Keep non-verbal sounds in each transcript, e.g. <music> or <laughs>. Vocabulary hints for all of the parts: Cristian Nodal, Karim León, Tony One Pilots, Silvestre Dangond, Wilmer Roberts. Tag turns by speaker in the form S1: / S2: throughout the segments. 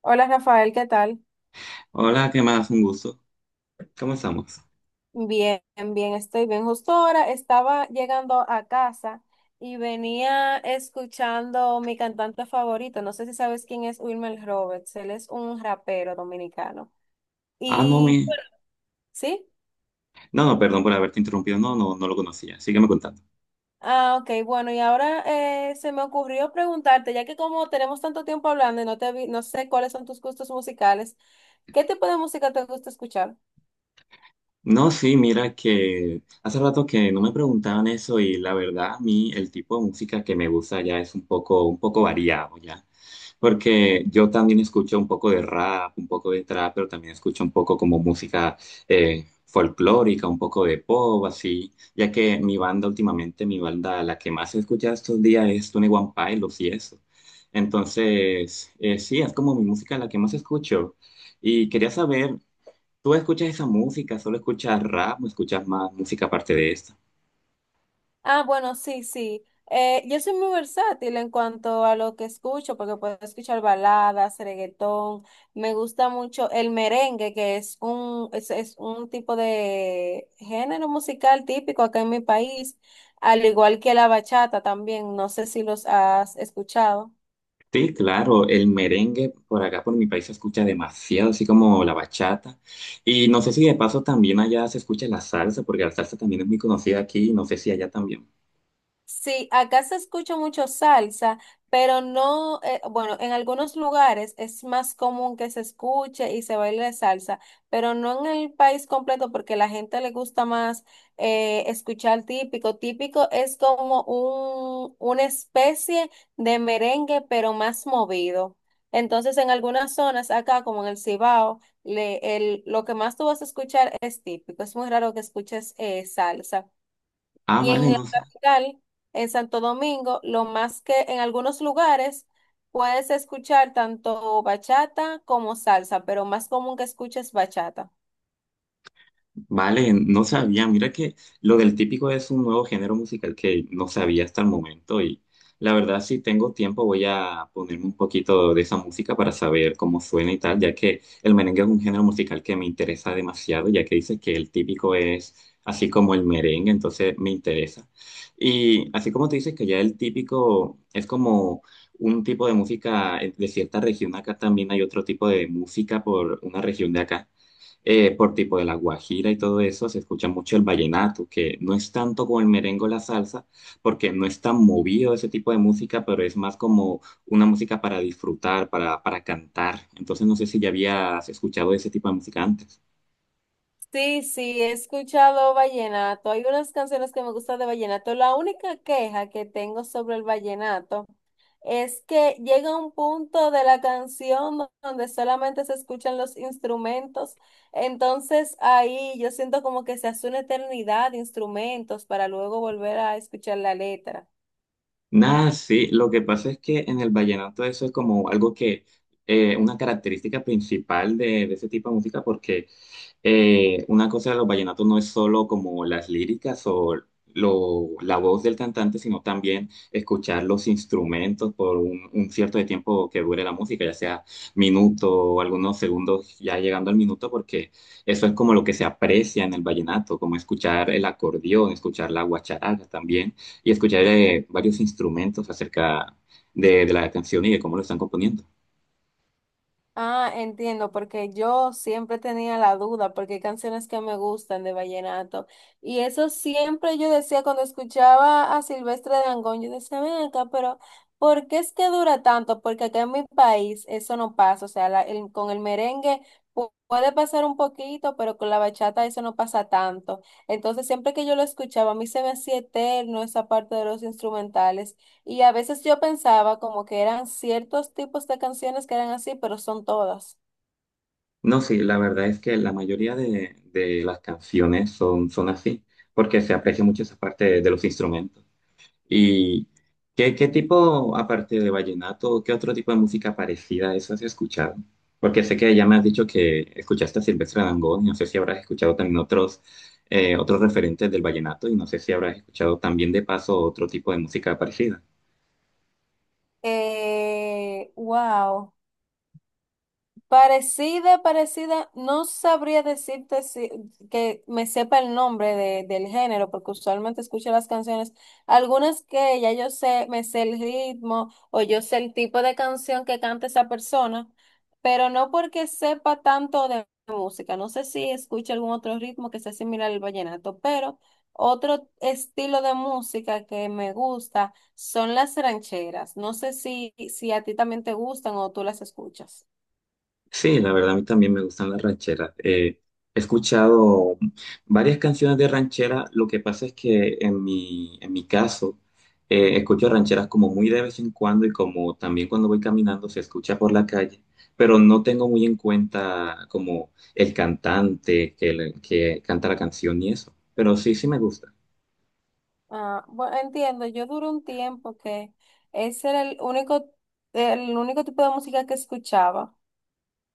S1: Hola Rafael, ¿qué tal?
S2: Hola, ¿qué más? Un gusto. ¿Cómo estamos?
S1: Bien, bien, estoy bien. Justo ahora estaba llegando a casa y venía escuchando mi cantante favorito. No sé si sabes quién es Wilmer Roberts. Él es un rapero dominicano.
S2: Ah, no,
S1: Y
S2: mi...
S1: sí,
S2: No, no, perdón por haberte interrumpido. No, no, no lo conocía. Sígueme contando.
S1: ah, ok, bueno, y ahora se me ocurrió preguntarte, ya que como tenemos tanto tiempo hablando y no sé cuáles son tus gustos musicales, ¿qué tipo de música te gusta escuchar?
S2: No, sí, mira que hace rato que no me preguntaban eso y la verdad a mí el tipo de música que me gusta ya es un poco variado ya, porque yo también escucho un poco de rap, un poco de trap, pero también escucho un poco como música folclórica, un poco de pop, así, ya que mi banda últimamente, mi banda, la que más he escuchado estos días es Tony One Pilots y eso. Entonces, sí, es como mi música la que más escucho. Y quería saber, tú escuchas esa música, ¿solo escuchas rap, o escuchas más música aparte de esta?
S1: Ah, bueno, sí, sí. Yo soy muy versátil en cuanto a lo que escucho, porque puedo escuchar baladas, reggaetón. Me gusta mucho el merengue, que es un tipo de género musical típico acá en mi país, al igual que la bachata también. No sé si los has escuchado.
S2: Sí, claro, el merengue por acá, por mi país, se escucha demasiado, así como la bachata. Y no sé si de paso también allá se escucha la salsa, porque la salsa también es muy conocida aquí, y no sé si allá también.
S1: Sí, acá se escucha mucho salsa, pero no, bueno, en algunos lugares es más común que se escuche y se baile salsa, pero no en el país completo porque la gente le gusta más escuchar típico. Típico es como una especie de merengue, pero más movido. Entonces, en algunas zonas acá, como en el Cibao, lo que más tú vas a escuchar es típico. Es muy raro que escuches salsa.
S2: Ah,
S1: Y
S2: vale,
S1: en la
S2: no.
S1: capital, en Santo Domingo, lo más que en algunos lugares puedes escuchar tanto bachata como salsa, pero más común que escuches bachata.
S2: Vale, no sabía. Mira que lo del típico es un nuevo género musical que no sabía hasta el momento y la verdad si tengo tiempo voy a ponerme un poquito de esa música para saber cómo suena y tal, ya que el merengue es un género musical que me interesa demasiado, ya que dice que el típico es así como el merengue, entonces me interesa. Y así como te dices que ya el típico es como un tipo de música de cierta región, acá también hay otro tipo de música por una región de acá por tipo de la guajira y todo eso, se escucha mucho el vallenato, que no es tanto como el merengue o la salsa, porque no es tan movido ese tipo de música, pero es más como una música para disfrutar, para cantar. Entonces no sé si ya habías escuchado ese tipo de música antes.
S1: Sí, sí, he escuchado vallenato. Hay unas canciones que me gustan de vallenato. La única queja que tengo sobre el vallenato es que llega un punto de la canción donde solamente se escuchan los instrumentos, entonces ahí yo siento como que se hace una eternidad de instrumentos para luego volver a escuchar la letra.
S2: Nada, sí, lo que pasa es que en el vallenato eso es como algo que, una característica principal de ese tipo de música, porque una cosa de los vallenatos no es solo como las líricas o la voz del cantante, sino también escuchar los instrumentos por un cierto de tiempo que dure la música, ya sea minuto o algunos segundos ya llegando al minuto, porque eso es como lo que se aprecia en el vallenato, como escuchar el acordeón, escuchar la guacharaca también y escucharé varios instrumentos acerca de la canción y de cómo lo están componiendo.
S1: Ah, entiendo, porque yo siempre tenía la duda, porque hay canciones que me gustan de vallenato. Y eso siempre yo decía cuando escuchaba a Silvestre Dangond, yo decía, ven acá, pero ¿por qué es que dura tanto? Porque acá en mi país eso no pasa. O sea, con el merengue puede pasar un poquito, pero con la bachata eso no pasa tanto. Entonces, siempre que yo lo escuchaba, a mí se me hacía eterno esa parte de los instrumentales. Y a veces yo pensaba como que eran ciertos tipos de canciones que eran así, pero son todas.
S2: No, sí, la verdad es que la mayoría de las canciones son, son así, porque se aprecia mucho esa parte de los instrumentos. ¿Y qué, qué tipo, aparte de vallenato, qué otro tipo de música parecida a eso has escuchado? Porque sé que ya me has dicho que escuchaste a Silvestre Dangond, y no sé si habrás escuchado también otros, otros referentes del vallenato, y no sé si habrás escuchado también de paso otro tipo de música parecida.
S1: Wow. Parecida, parecida, no sabría decirte si, que me sepa el nombre del género, porque usualmente escucho las canciones, algunas que ya yo sé, me sé el ritmo o yo sé el tipo de canción que canta esa persona, pero no porque sepa tanto de música. No sé si escucho algún otro ritmo que sea similar al vallenato, pero otro estilo de música que me gusta son las rancheras, no sé si, si a ti también te gustan o tú las escuchas.
S2: Sí, la verdad a mí también me gustan las rancheras. He escuchado varias canciones de ranchera. Lo que pasa es que en mi caso, escucho rancheras como muy de vez en cuando y como también cuando voy caminando se escucha por la calle, pero no tengo muy en cuenta como el cantante que, que canta la canción y eso. Pero sí, sí me gusta.
S1: Ah, bueno, entiendo, yo duré un tiempo que ese era el único tipo de música que escuchaba.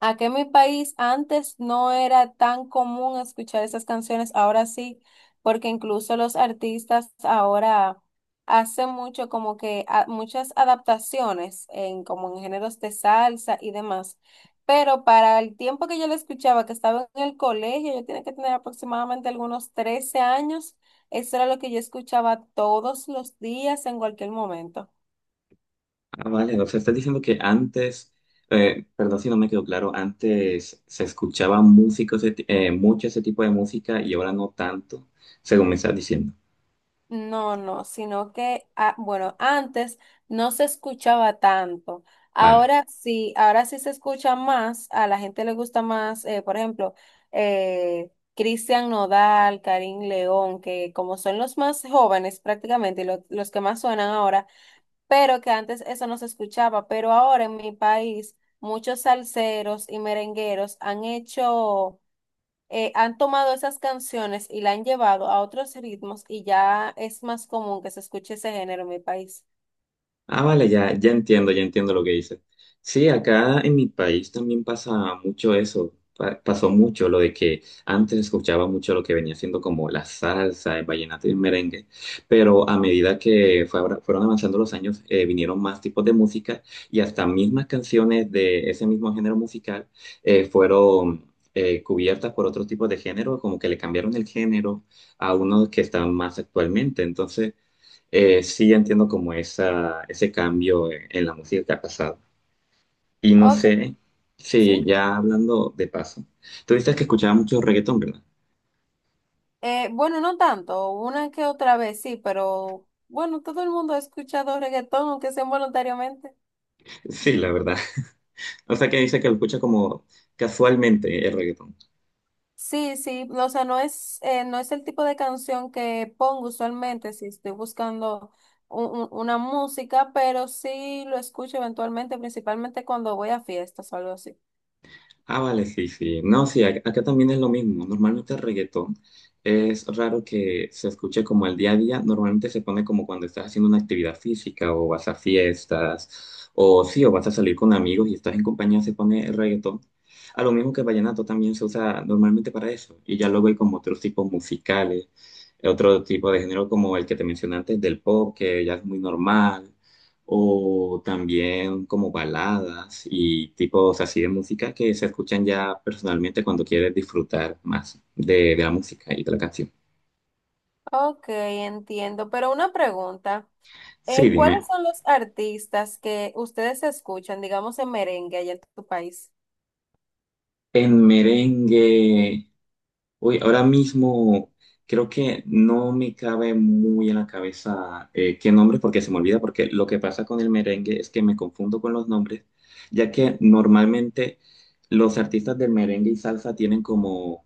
S1: Aquí en mi país antes no era tan común escuchar esas canciones, ahora sí, porque incluso los artistas ahora hacen mucho como que muchas adaptaciones en como en géneros de salsa y demás. Pero para el tiempo que yo la escuchaba, que estaba en el colegio, yo tenía que tener aproximadamente algunos 13 años, eso era lo que yo escuchaba todos los días en cualquier momento.
S2: Ah, vale, o sea, estás diciendo que antes, perdón si no me quedó claro, antes se escuchaba música, mucho ese tipo de música y ahora no tanto, según me estás diciendo.
S1: No, no, sino que, ah, bueno, antes no se escuchaba tanto.
S2: Vale.
S1: Ahora sí se escucha más, a la gente le gusta más, por ejemplo, Cristian Nodal, Karim León, que como son los más jóvenes prácticamente, y los que más suenan ahora, pero que antes eso no se escuchaba, pero ahora en mi país muchos salseros y merengueros han hecho han tomado esas canciones y la han llevado a otros ritmos y ya es más común que se escuche ese género en mi país.
S2: Ah, vale, ya, ya entiendo lo que dices. Sí, acá en mi país también pasa mucho eso. Pasó mucho lo de que antes escuchaba mucho lo que venía siendo como la salsa, el vallenato y el merengue, pero a medida que fueron avanzando los años, vinieron más tipos de música y hasta mismas canciones de ese mismo género musical fueron cubiertas por otros tipos de género, como que le cambiaron el género a unos que están más actualmente. Entonces... sí, entiendo como esa, ese cambio en la música que ha pasado. Y no
S1: Ok,
S2: sé
S1: sí.
S2: si ya hablando de paso, tú dices que escuchaba mucho reggaetón, ¿verdad?
S1: Bueno, no tanto, una que otra vez sí, pero bueno, todo el mundo ha escuchado reggaetón, aunque sea involuntariamente.
S2: Sí, la verdad. <laughs> O sea que dice que lo escucha como casualmente el reggaetón.
S1: Sí, sí, o sea, no es, no es el tipo de canción que pongo usualmente si estoy buscando una música, pero sí lo escucho eventualmente, principalmente cuando voy a fiestas o algo así.
S2: Ah, vale, sí, sí. No, sí, acá también es lo mismo. Normalmente el reggaetón es raro que se escuche como el día a día. Normalmente se pone como cuando estás haciendo una actividad física o vas a fiestas o sí, o vas a salir con amigos y estás en compañía, se pone el reggaetón. A lo mismo que el vallenato también se usa normalmente para eso. Y ya luego hay como otros tipos musicales, otro tipo de género como el que te mencioné antes del pop, que ya es muy normal o también como baladas y tipos así de música que se escuchan ya personalmente cuando quieres disfrutar más de la música y de la canción.
S1: Ok, entiendo, pero una pregunta.
S2: Sí, dime.
S1: ¿Cuáles son los artistas que ustedes escuchan, digamos, en merengue allá en tu país?
S2: En merengue, uy, ahora mismo creo que no me cabe muy en la cabeza qué nombre porque se me olvida, porque lo que pasa con el merengue es que me confundo con los nombres, ya que normalmente los artistas del merengue y salsa tienen como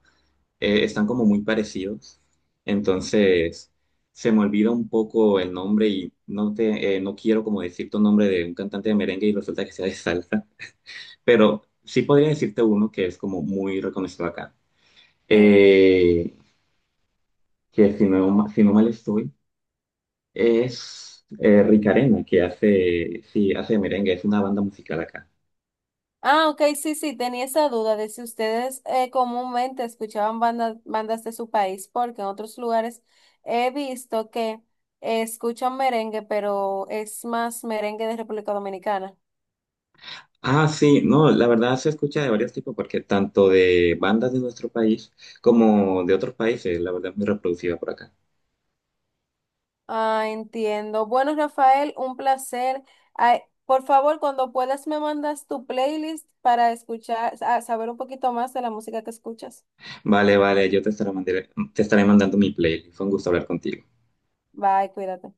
S2: están como muy parecidos. Entonces, se me olvida un poco el nombre y no te, no quiero como decirte un nombre de un cantante de merengue y resulta que sea de salsa, pero sí podría decirte uno que es como muy reconocido acá.
S1: Sí.
S2: Eh, que si no, si no mal estoy, es Rick que hace, sí, hace merengue, es una banda musical acá.
S1: Ah, ok, sí, sí, tenía esa duda de si ustedes comúnmente escuchaban bandas, bandas de su país, porque en otros lugares he visto que escuchan merengue, pero es más merengue de República Dominicana.
S2: Ah, sí, no, la verdad se escucha de varios tipos, porque tanto de bandas de nuestro país como de otros países, la verdad es muy reproducida por acá.
S1: Ah, entiendo. Bueno, Rafael, un placer. Ay, por favor, cuando puedas me mandas tu playlist para escuchar, a saber un poquito más de la música que escuchas.
S2: Vale, vale, yo te estaré, te estaré mandando mi playlist. Fue un gusto hablar contigo.
S1: Bye, cuídate.